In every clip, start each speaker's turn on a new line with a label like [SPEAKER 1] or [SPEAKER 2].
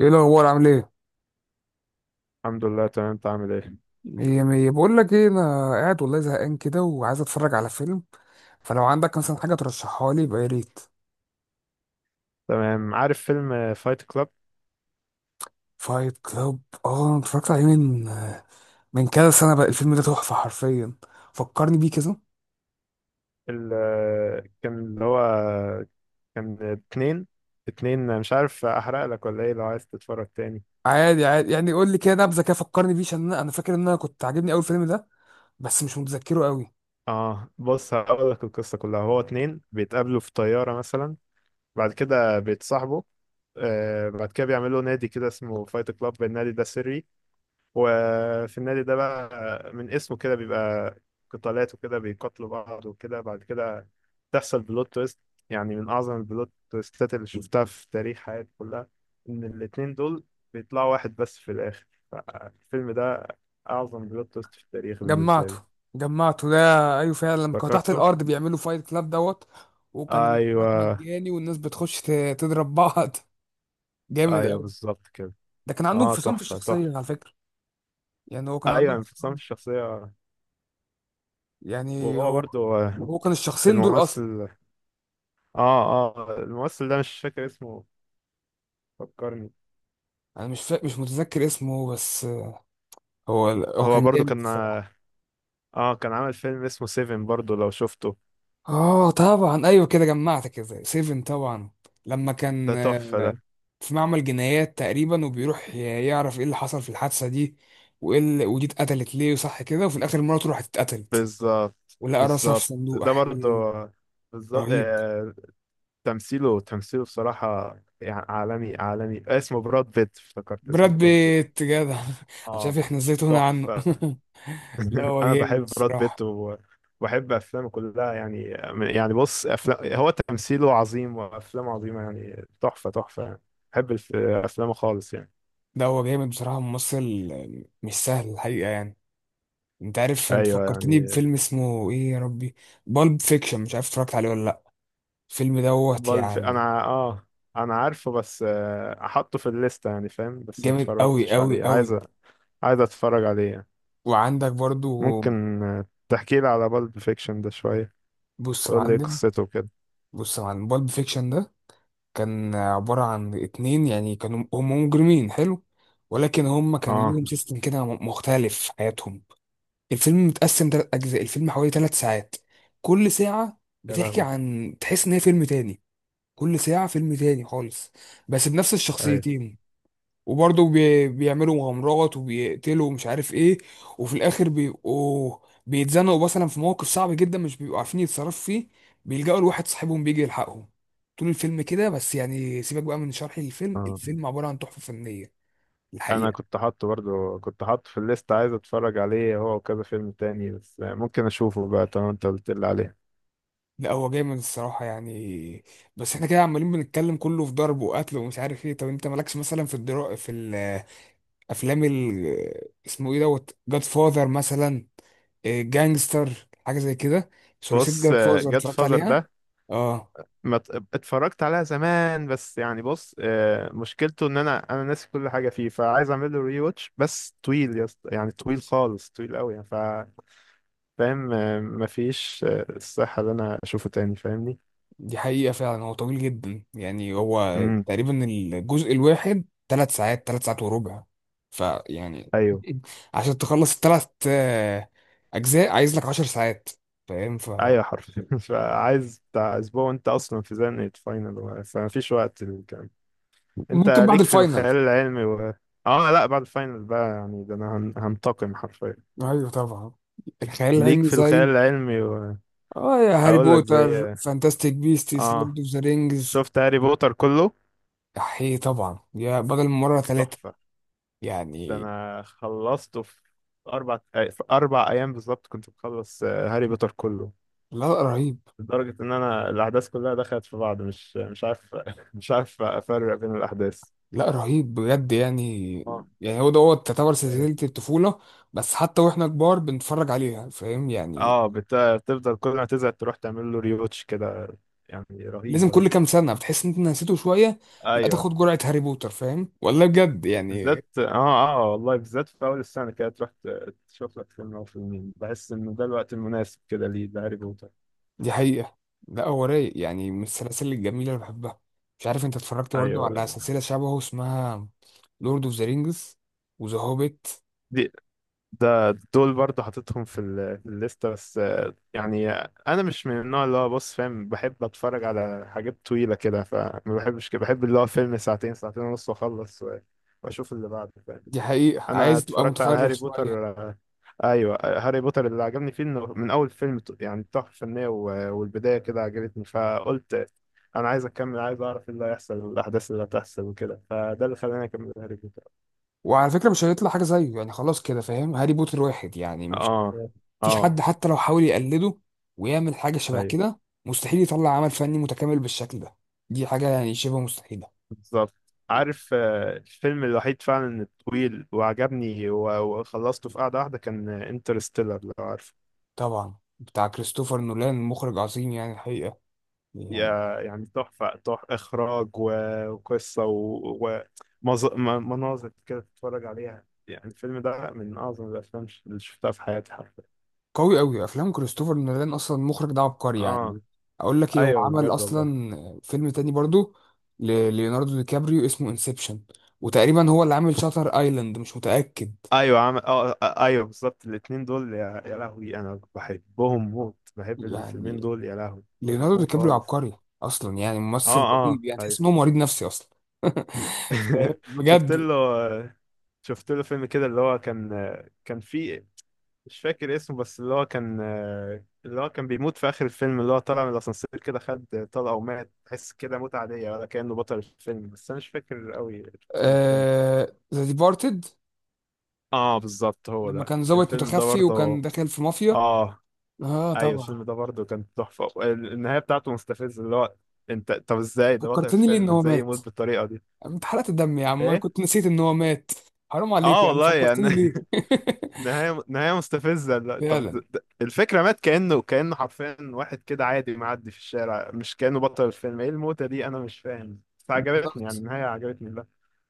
[SPEAKER 1] ايه الاخبار؟ عامل ايه؟
[SPEAKER 2] الحمد لله تمام، انت عامل ايه؟
[SPEAKER 1] مية مية. بقول لك ايه، انا قاعد والله زهقان كده وعايز اتفرج على فيلم. فلو عندك مثلا حاجه ترشحها لي يبقى يا ريت.
[SPEAKER 2] تمام، عارف فيلم فايت كلاب؟
[SPEAKER 1] فايت كلاب. اه، انا اتفرجت عليه من كذا سنه. بقى الفيلم ده تحفه حرفيا. فكرني بيه كده.
[SPEAKER 2] اللي كان اللي هو كان اتنين. اتنين، مش عارف احرق لك ولا ايه لو عايز تتفرج تاني.
[SPEAKER 1] عادي عادي، يعني قول لي كده نبذه كده، فكرني بيه عشان أنا فاكر ان انا كنت عاجبني اول فيلم ده. بس مش متذكره قوي.
[SPEAKER 2] اه، بص هقول لك القصة كلها. هو اتنين بيتقابلوا في طيارة مثلا، بعد كده بيتصاحبوا. آه بعد كده بيعملوا نادي كده اسمه فايت كلاب، النادي ده سري. وفي النادي ده بقى من اسمه كده بيبقى قتالات وكده، بيقاتلوا بعض وكده. بعد كده تحصل بلوت تويست، يعني من أعظم البلوت تويستات اللي شفتها في تاريخ حياتي كلها، إن الاتنين دول بيطلعوا واحد بس في الآخر. فالفيلم ده أعظم بلوت تويست في التاريخ بالنسبة
[SPEAKER 1] جمعته،
[SPEAKER 2] لي.
[SPEAKER 1] جمعته ده. ايوه، فعلا لما كانوا تحت
[SPEAKER 2] فكرته؟
[SPEAKER 1] الارض بيعملوا فايت كلاب دوت. وكان الاشتراك
[SPEAKER 2] أيوه.
[SPEAKER 1] مجاني والناس بتخش تضرب بعض. جامد
[SPEAKER 2] أيوه
[SPEAKER 1] قوي.
[SPEAKER 2] بالظبط كده.
[SPEAKER 1] ده كان عندهم
[SPEAKER 2] أه
[SPEAKER 1] انفصام في
[SPEAKER 2] تحفة
[SPEAKER 1] الشخصية
[SPEAKER 2] تحفة.
[SPEAKER 1] على فكرة. يعني هو كان عنده
[SPEAKER 2] أيوه انفصام
[SPEAKER 1] انفصام.
[SPEAKER 2] في الشخصية.
[SPEAKER 1] يعني
[SPEAKER 2] وهو
[SPEAKER 1] هو
[SPEAKER 2] برضو
[SPEAKER 1] هو كان الشخصين دول أصلا.
[SPEAKER 2] الممثل. اه الممثل ده مش فاكر اسمه، فكرني.
[SPEAKER 1] أنا مش متذكر اسمه بس. هو
[SPEAKER 2] هو
[SPEAKER 1] كان
[SPEAKER 2] برضو
[SPEAKER 1] جامد
[SPEAKER 2] كان.
[SPEAKER 1] الصراحة.
[SPEAKER 2] اه كان عامل فيلم اسمه سيفن برضو لو شفته.
[SPEAKER 1] آه طبعا، أيوه كده جمعت، كده سيفن طبعا. لما
[SPEAKER 2] ده
[SPEAKER 1] كان
[SPEAKER 2] تحفة ده.
[SPEAKER 1] في معمل جنايات تقريبا، وبيروح يعرف إيه اللي حصل في الحادثة دي. ودي اتقتلت ليه وصح كده، وفي الآخر مراته راحت اتقتلت.
[SPEAKER 2] بالظبط
[SPEAKER 1] ولقى راسها في
[SPEAKER 2] بالظبط،
[SPEAKER 1] صندوق.
[SPEAKER 2] ده برضو
[SPEAKER 1] أحيي،
[SPEAKER 2] بالظبط
[SPEAKER 1] رهيب.
[SPEAKER 2] تمثيله تمثيله بصراحة يعني عالمي عالمي. اسمه براد بيت، افتكرت اسمه
[SPEAKER 1] براد
[SPEAKER 2] براد بيت.
[SPEAKER 1] بيت جدع. انا
[SPEAKER 2] اه
[SPEAKER 1] شايف احنا ازاي تهنا عنه.
[SPEAKER 2] تحفة.
[SPEAKER 1] لا، هو
[SPEAKER 2] انا
[SPEAKER 1] جامد
[SPEAKER 2] بحب براد
[SPEAKER 1] الصراحه.
[SPEAKER 2] بيت وبحب افلامه كلها يعني. يعني بص افلام، هو تمثيله عظيم وافلامه عظيمة يعني تحفة تحفة يعني. بحب افلامه خالص يعني.
[SPEAKER 1] ده هو جامد بصراحه ممثل. مش سهل الحقيقه يعني. انت عارف، انت
[SPEAKER 2] ايوه
[SPEAKER 1] فكرتني
[SPEAKER 2] يعني.
[SPEAKER 1] بفيلم اسمه ايه يا ربي؟ بالب فيكشن، مش عارف اتفرجت عليه ولا لا. الفيلم دوت
[SPEAKER 2] بالف،
[SPEAKER 1] يعني.
[SPEAKER 2] انا اه انا عارفه بس احطه في الليسته يعني، فاهم؟ بس ما
[SPEAKER 1] جامد قوي
[SPEAKER 2] اتفرجتش
[SPEAKER 1] قوي
[SPEAKER 2] عليه، عايز
[SPEAKER 1] قوي.
[SPEAKER 2] عايز اتفرج عليه يعني.
[SPEAKER 1] وعندك برضو.
[SPEAKER 2] ممكن تحكي لي على بالب فيكشن ده شويه،
[SPEAKER 1] بص يا
[SPEAKER 2] تقول لي إيه
[SPEAKER 1] معلم.
[SPEAKER 2] قصته كده.
[SPEAKER 1] بص يا معلم، بالب فيكشن ده كان عباره عن اتنين، يعني كانوا هم مجرمين حلو. ولكن هم كان
[SPEAKER 2] اه
[SPEAKER 1] ليهم سيستم كده مختلف في حياتهم. الفيلم متقسم 3 أجزاء. الفيلم حوالي 3 ساعات. كل ساعة
[SPEAKER 2] يا
[SPEAKER 1] بتحكي،
[SPEAKER 2] لهوي.
[SPEAKER 1] عن تحس إن هي فيلم تاني. كل ساعة فيلم تاني خالص. بس بنفس
[SPEAKER 2] ايوه.
[SPEAKER 1] الشخصيتين. وبرضه بيعملوا مغامرات وبيقتلوا ومش عارف إيه. وفي الآخر بيبقوا بيتزنقوا مثلا في موقف صعب جدا، مش بيبقوا عارفين يتصرفوا فيه. بيلجأوا لواحد صاحبهم بيجي يلحقهم. طول الفيلم كده، بس يعني سيبك بقى من شرح الفيلم.
[SPEAKER 2] اه،
[SPEAKER 1] الفيلم عبارة عن تحفة فنية
[SPEAKER 2] انا
[SPEAKER 1] الحقيقة.
[SPEAKER 2] كنت حاطه برضو، كنت حاطه في الليسته، عايز اتفرج عليه هو وكذا فيلم تاني، بس ممكن اشوفه بقى طالما انت قلت لي عليه.
[SPEAKER 1] لا، هو جامد الصراحة يعني. بس احنا كده عمالين بنتكلم كله في ضرب وقتل ومش عارف ايه. طب انت مالكش مثلا في الافلام اسمه ايه دوت، جاد فاذر مثلا، جانجستر حاجة زي كده. ثلاثية
[SPEAKER 2] بص،
[SPEAKER 1] جاد فاذر
[SPEAKER 2] جاد
[SPEAKER 1] اتفرجت
[SPEAKER 2] فازر
[SPEAKER 1] عليها؟
[SPEAKER 2] ده
[SPEAKER 1] اه.
[SPEAKER 2] ما ت- اتفرجت عليها زمان، بس يعني بص مشكلته ان انا ناسي كل حاجه فيه، فعايز اعمل له ري واتش. بس طويل يا اسطى، يعني طويل خالص، طويل قوي يعني. ف فاهم مفيش الصحه ان انا اشوفه تاني، فاهمني؟
[SPEAKER 1] دي حقيقة، فعلا هو طويل جدا، يعني هو
[SPEAKER 2] امم
[SPEAKER 1] تقريبا الجزء الواحد 3 ساعات، 3 ساعات وربع. فيعني
[SPEAKER 2] ايوه.
[SPEAKER 1] عشان تخلص الـ3 اجزاء عايز لك 10 ساعات. فاهم، فممكن
[SPEAKER 2] ايوه حرفيا. فعايز بتاع اسبوع، وانت اصلا في زنقه فاينل فمفيش وقت للكلام. انت
[SPEAKER 1] بعد
[SPEAKER 2] ليك في
[SPEAKER 1] الفاينل.
[SPEAKER 2] الخيال العلمي و... اه لا بعد الفاينل بقى يعني، ده انا هنتقم حرفيا.
[SPEAKER 1] ايوه طبعا. الخيال
[SPEAKER 2] ليك
[SPEAKER 1] العلمي
[SPEAKER 2] في الخيال
[SPEAKER 1] زي
[SPEAKER 2] العلمي و...
[SPEAKER 1] اه يا هاري
[SPEAKER 2] اقول لك
[SPEAKER 1] بوتر،
[SPEAKER 2] زي.
[SPEAKER 1] فانتاستيك بيستس،
[SPEAKER 2] اه،
[SPEAKER 1] لورد اوف ذا رينجز.
[SPEAKER 2] شفت هاري بوتر كله.
[SPEAKER 1] احيه طبعا، يا بدل من مره ثلاثه
[SPEAKER 2] تحفة. ده
[SPEAKER 1] يعني.
[SPEAKER 2] انا خلصته في اربع في اربع ايام بالظبط، كنت مخلص هاري بوتر كله.
[SPEAKER 1] لا، رهيب.
[SPEAKER 2] لدرجة ان انا الاحداث كلها دخلت في بعض، مش عارف. مش عارف افرق بين الاحداث.
[SPEAKER 1] لا، رهيب بجد يعني.
[SPEAKER 2] اه.
[SPEAKER 1] يعني هو دوت تعتبر
[SPEAKER 2] أيوة.
[SPEAKER 1] سلسله الطفوله. بس حتى واحنا كبار بنتفرج عليها، فاهم يعني.
[SPEAKER 2] اه بتفضل كل ما تزهق تروح تعمل له ريوتش كده، يعني
[SPEAKER 1] لازم
[SPEAKER 2] رهيب
[SPEAKER 1] كل
[SPEAKER 2] رهيب.
[SPEAKER 1] كام سنه بتحس ان انت نسيته شويه. لا،
[SPEAKER 2] ايوه.
[SPEAKER 1] تاخد جرعه هاري بوتر، فاهم والله بجد يعني.
[SPEAKER 2] بالذات اه اه والله، بالذات في اول السنة كده تروح تشوف لك فيلم او فيلمين، بحس ان ده الوقت المناسب كده ليه ده هاري بوتر.
[SPEAKER 1] دي حقيقة. لا، هو رايق يعني، من السلاسل الجميلة اللي بحبها. مش عارف انت اتفرجت برضه
[SPEAKER 2] ايوه.
[SPEAKER 1] على سلسلة شبهه اسمها لورد اوف ذا رينجز وذا هوبيت؟
[SPEAKER 2] دي ده دول برضه حاططهم في الليستة، بس يعني انا مش من النوع اللي هو بص فاهم بحب اتفرج على حاجات طويلة كده، فما بحبش كده، بحب اللي هو فيلم ساعتين، ساعتين ونص واخلص واشوف اللي بعده فاهم.
[SPEAKER 1] دي حقيقة،
[SPEAKER 2] انا
[SPEAKER 1] عايز تبقى
[SPEAKER 2] اتفرجت على
[SPEAKER 1] متفرغ
[SPEAKER 2] هاري
[SPEAKER 1] شوية.
[SPEAKER 2] بوتر ايوه هاري بوتر اللي عجبني فيه انه من اول فيلم يعني تحفة فنية والبداية كده عجبتني، فقلت انا عايز اكمل، عايز اعرف ايه اللي هيحصل والاحداث اللي هتحصل وكده، فده اللي خلاني اكمل هاري بوتر.
[SPEAKER 1] وعلى فكرة مش هيطلع حاجة زيه يعني، خلاص كده فاهم، هاري بوتر واحد يعني، مش
[SPEAKER 2] اه.
[SPEAKER 1] مفيش
[SPEAKER 2] اه
[SPEAKER 1] حد حتى لو حاول يقلده ويعمل حاجة شبه كده، مستحيل يطلع عمل فني متكامل بالشكل ده. دي حاجة يعني شبه مستحيلة.
[SPEAKER 2] بالظبط. عارف الفيلم الوحيد فعلا الطويل وعجبني وخلصته في قعدة واحدة كان انترستيلر، لو عارف.
[SPEAKER 1] طبعا، بتاع كريستوفر نولان، مخرج عظيم يعني الحقيقة.
[SPEAKER 2] يعني تحفة تحفة، إخراج وقصة مناظر كده تتفرج عليها يعني، الفيلم ده من أعظم الأفلام اللي شفتها في حياتي حرفيا.
[SPEAKER 1] قوي قوي. افلام كريستوفر نولان اصلا، المخرج ده عبقري
[SPEAKER 2] آه.
[SPEAKER 1] يعني. اقول لك ايه، هو
[SPEAKER 2] أيوه
[SPEAKER 1] عمل
[SPEAKER 2] بجد والله.
[SPEAKER 1] اصلا فيلم تاني برضو لليوناردو دي كابريو اسمه انسبشن. وتقريبا هو اللي عامل شاتر ايلاند، مش متاكد.
[SPEAKER 2] ايوه ايوه بالظبط الاثنين دول يا... يا لهوي انا بحبهم موت، بحب الفيلمين
[SPEAKER 1] يعني
[SPEAKER 2] دول يا لهوي.
[SPEAKER 1] ليوناردو
[SPEAKER 2] بحبهم
[SPEAKER 1] دي كابريو
[SPEAKER 2] خالص.
[SPEAKER 1] عبقري اصلا، يعني
[SPEAKER 2] اه
[SPEAKER 1] ممثل
[SPEAKER 2] اه
[SPEAKER 1] رهيب، يعني تحس ان
[SPEAKER 2] ايوه.
[SPEAKER 1] هو مريض نفسي اصلا.
[SPEAKER 2] شفت
[SPEAKER 1] بجد.
[SPEAKER 2] له. شفت له فيلم كده اللي هو كان، كان فيه، مش فاكر اسمه، بس اللي هو كان، اللي هو كان بيموت في آخر الفيلم، اللي هو طلع من الأسانسير كده، خد طلقة ومات، تحس كده موت عادية ولا كأنه بطل الفيلم، بس أنا مش فاكر قوي اسم الفيلم.
[SPEAKER 1] آه، ذا ديبارتد.
[SPEAKER 2] اه بالظبط هو
[SPEAKER 1] لما كان
[SPEAKER 2] ده،
[SPEAKER 1] ظابط
[SPEAKER 2] الفيلم ده
[SPEAKER 1] متخفي وكان
[SPEAKER 2] برضه.
[SPEAKER 1] داخل في مافيا.
[SPEAKER 2] اه
[SPEAKER 1] اه
[SPEAKER 2] ايوه،
[SPEAKER 1] طبعا.
[SPEAKER 2] الفيلم ده برضه كان تحفة، النهاية بتاعته مستفزة، اللي هو انت طب ازاي ده بطل
[SPEAKER 1] فكرتني ليه ان
[SPEAKER 2] الفيلم
[SPEAKER 1] هو
[SPEAKER 2] ازاي
[SPEAKER 1] مات؟
[SPEAKER 2] يموت بالطريقة دي؟
[SPEAKER 1] انت حرقت الدم يا عم، انا
[SPEAKER 2] ايه.
[SPEAKER 1] كنت نسيت ان هو مات. حرام عليك
[SPEAKER 2] اه
[SPEAKER 1] يا عم،
[SPEAKER 2] والله يعني.
[SPEAKER 1] فكرتني ليه.
[SPEAKER 2] نهاية نهاية مستفزة. لا طب
[SPEAKER 1] فعلا،
[SPEAKER 2] الفكرة مات كأنه كأنه حرفيا واحد كده عادي معدي في الشارع، مش كأنه بطل الفيلم. ايه الموتة دي، انا مش فاهم. بس عجبتني يعني،
[SPEAKER 1] بالظبط.
[SPEAKER 2] النهاية عجبتني. لا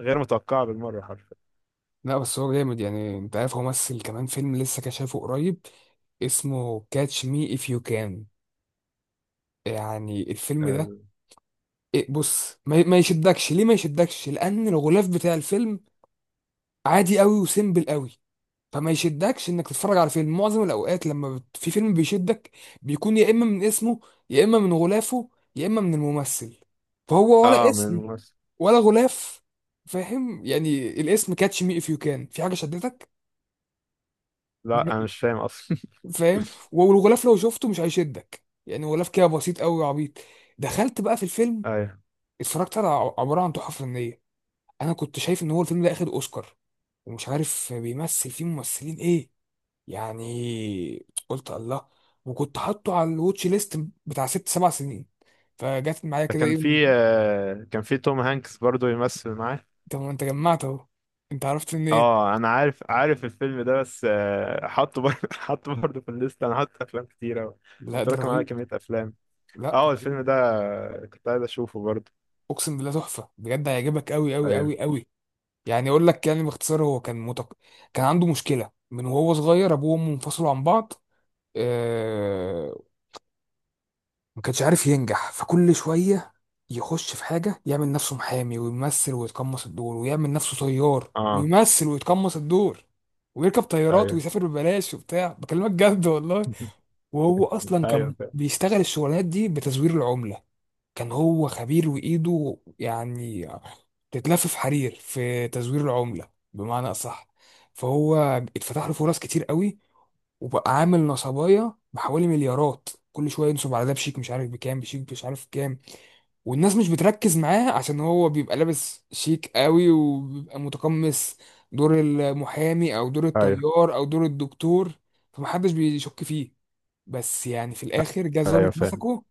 [SPEAKER 2] غير متوقعة بالمرة حرفيا.
[SPEAKER 1] لا، بس هو جامد يعني. انت عارف، هو مثل كمان فيلم لسه كشافه قريب اسمه كاتش مي اف يو كان. يعني الفيلم ده،
[SPEAKER 2] ال-
[SPEAKER 1] إيه، بص ما يشدكش ليه، ما يشدكش لان الغلاف بتاع الفيلم عادي قوي وسيمبل قوي. فما يشدكش انك تتفرج على فيلم. معظم الاوقات لما في فيلم بيشدك، بيكون يا اما من اسمه، يا اما من غلافه، يا اما من الممثل. فهو ولا
[SPEAKER 2] اه من
[SPEAKER 1] اسم
[SPEAKER 2] مصر.
[SPEAKER 1] ولا غلاف. فاهم يعني، الاسم كاتش مي اف يو كان في حاجه شدتك
[SPEAKER 2] لا انا
[SPEAKER 1] نهائي؟
[SPEAKER 2] مش فاهم اصلا.
[SPEAKER 1] فاهم. والغلاف لو شفته مش هيشدك، يعني غلاف كده بسيط قوي وعبيط. دخلت بقى في الفيلم،
[SPEAKER 2] ايوه
[SPEAKER 1] اتفرجت على عباره عن تحفه فنيه. انا كنت شايف ان هو الفيلم ده اخد اوسكار، ومش عارف بيمثل فيه ممثلين ايه. يعني قلت الله. وكنت حاطه على الواتش ليست بتاع 6 7 سنين، فجت معايا
[SPEAKER 2] ده
[SPEAKER 1] كده
[SPEAKER 2] كان
[SPEAKER 1] ايه.
[SPEAKER 2] في كان في توم هانكس برضو يمثل معاه.
[SPEAKER 1] طب ما انت جمعت اهو، انت عرفت منين؟
[SPEAKER 2] اه انا عارف، عارف الفيلم ده، بس حطه برضه حطه برضه في الليست، انا حاطط افلام كتيرة،
[SPEAKER 1] لا، ده
[SPEAKER 2] متراكم على
[SPEAKER 1] رهيب.
[SPEAKER 2] كمية افلام.
[SPEAKER 1] لا،
[SPEAKER 2] اه الفيلم ده كنت عايز اشوفه برضه.
[SPEAKER 1] اقسم بالله تحفه بجد، هيعجبك قوي قوي
[SPEAKER 2] ايوه.
[SPEAKER 1] قوي قوي. يعني اقول لك يعني باختصار، هو كان عنده مشكله من وهو صغير، ابوه وامه انفصلوا عن بعض. آه... ما كانش عارف ينجح، فكل شويه يخش في حاجه، يعمل نفسه محامي ويمثل ويتقمص الدور، ويعمل نفسه طيار
[SPEAKER 2] اه
[SPEAKER 1] ويمثل ويتقمص الدور، ويركب طيارات
[SPEAKER 2] ايوه.
[SPEAKER 1] ويسافر ببلاش وبتاع، بكلمك جد والله. وهو اصلا
[SPEAKER 2] ايوه
[SPEAKER 1] كان
[SPEAKER 2] فاهم.
[SPEAKER 1] بيشتغل الشغلانات دي بتزوير العمله. كان هو خبير، وإيده يعني تتلف في حرير، في تزوير العملة بمعنى أصح. فهو اتفتح له فرص كتير قوي، وبقى عامل نصبايا بحوالي مليارات، كل شويه ينصب على ده بشيك مش عارف بكام، بشيك مش عارف كام. والناس مش بتركز معاه عشان هو بيبقى لابس شيك قوي وبيبقى متقمص دور المحامي او دور
[SPEAKER 2] ايوه
[SPEAKER 1] الطيار او دور الدكتور. فمحدش بيشك فيه. بس يعني في الاخر جه
[SPEAKER 2] ايوه
[SPEAKER 1] ظابط
[SPEAKER 2] فاهم.
[SPEAKER 1] مسكه،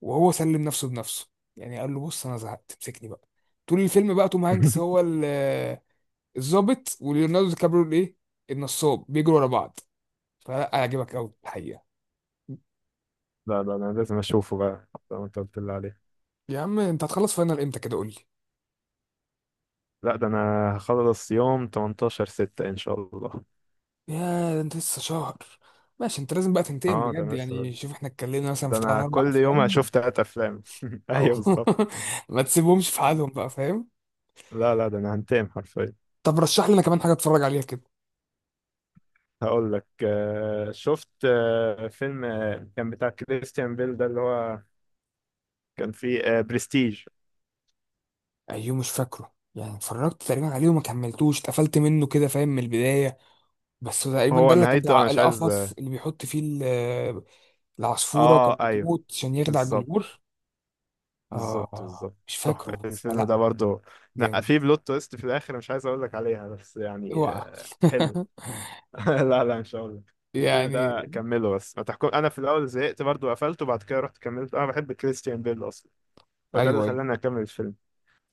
[SPEAKER 1] وهو سلم نفسه بنفسه. يعني قال له، بص انا زهقت امسكني بقى. طول الفيلم بقى توم هانكس هو الظابط، وليوناردو دي كابريو الايه النصاب، بيجروا ورا بعض. فلا هيعجبك قوي الحقيقه.
[SPEAKER 2] لا لا انا لازم اشوفه بقى زي ما انت قلت لي عليه.
[SPEAKER 1] يا عم انت هتخلص فاينل امتى كده، قول لي.
[SPEAKER 2] لا ده انا هخلص يوم 18 6 ان شاء الله.
[SPEAKER 1] يا، ده انت لسه شهر! ماشي، انت لازم بقى تنتقم
[SPEAKER 2] اه ده
[SPEAKER 1] بجد
[SPEAKER 2] انا لسه،
[SPEAKER 1] يعني، شوف احنا اتكلمنا مثلا
[SPEAKER 2] ده
[SPEAKER 1] في ثلاث
[SPEAKER 2] انا
[SPEAKER 1] اربع
[SPEAKER 2] كل يوم
[SPEAKER 1] افلام
[SPEAKER 2] هشوف تلات افلام.
[SPEAKER 1] او.
[SPEAKER 2] ايوه بالظبط.
[SPEAKER 1] ما تسيبهمش في حالهم بقى، فاهم.
[SPEAKER 2] لا لا ده انا هنتقم حرفيا.
[SPEAKER 1] طب رشح لنا كمان حاجه اتفرج عليها كده.
[SPEAKER 2] هقول لك شفت فيلم كان بتاع كريستيان بيل ده اللي هو كان فيه برستيج.
[SPEAKER 1] ايوه مش فاكره يعني، اتفرجت تقريبا عليه وما كملتوش، اتقفلت منه كده، فاهم، من البدايه. بس تقريبا ده
[SPEAKER 2] هو
[SPEAKER 1] اللي كان
[SPEAKER 2] نهايته انا
[SPEAKER 1] بتاع
[SPEAKER 2] مش عايز
[SPEAKER 1] القفص
[SPEAKER 2] اه
[SPEAKER 1] اللي بيحط فيه العصفورة، وكانت
[SPEAKER 2] ايوه
[SPEAKER 1] بتموت عشان يخدع
[SPEAKER 2] بالظبط
[SPEAKER 1] الجمهور.
[SPEAKER 2] بالظبط
[SPEAKER 1] اه
[SPEAKER 2] بالظبط.
[SPEAKER 1] مش فاكره بس،
[SPEAKER 2] الفيلم
[SPEAKER 1] لا
[SPEAKER 2] ده برضو لا
[SPEAKER 1] جامد.
[SPEAKER 2] في بلوت تويست في الاخر مش عايز اقول لك عليها، بس يعني
[SPEAKER 1] اوعى!
[SPEAKER 2] حلو. لا لا مش هقول لك. الفيلم
[SPEAKER 1] يعني.
[SPEAKER 2] ده كمله بس، ما تحكم، انا في الاول زهقت برضو قفلته، بعد كده رحت كملت، انا بحب كريستيان بيل اصلا، فده اللي
[SPEAKER 1] ايوه، ايوه.
[SPEAKER 2] خلاني اكمل الفيلم.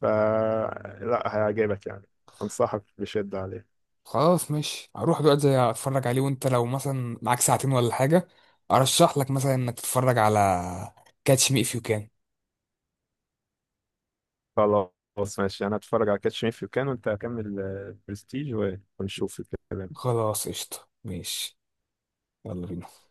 [SPEAKER 2] ف لا هيعجبك يعني، انصحك بشدة عليه.
[SPEAKER 1] خلاص ماشي، هروح دلوقتي زي اتفرج عليه. وانت لو مثلا معاك ساعتين ولا حاجة، ارشح لك مثلا انك تتفرج على كاتش مي اف يو كان.
[SPEAKER 2] خلاص ماشي، انا اتفرج على كاتش مي إف يو كان وانت كمل برستيج، ونشوف الكلام.
[SPEAKER 1] خلاص قشطة ماشي. يلا بينا.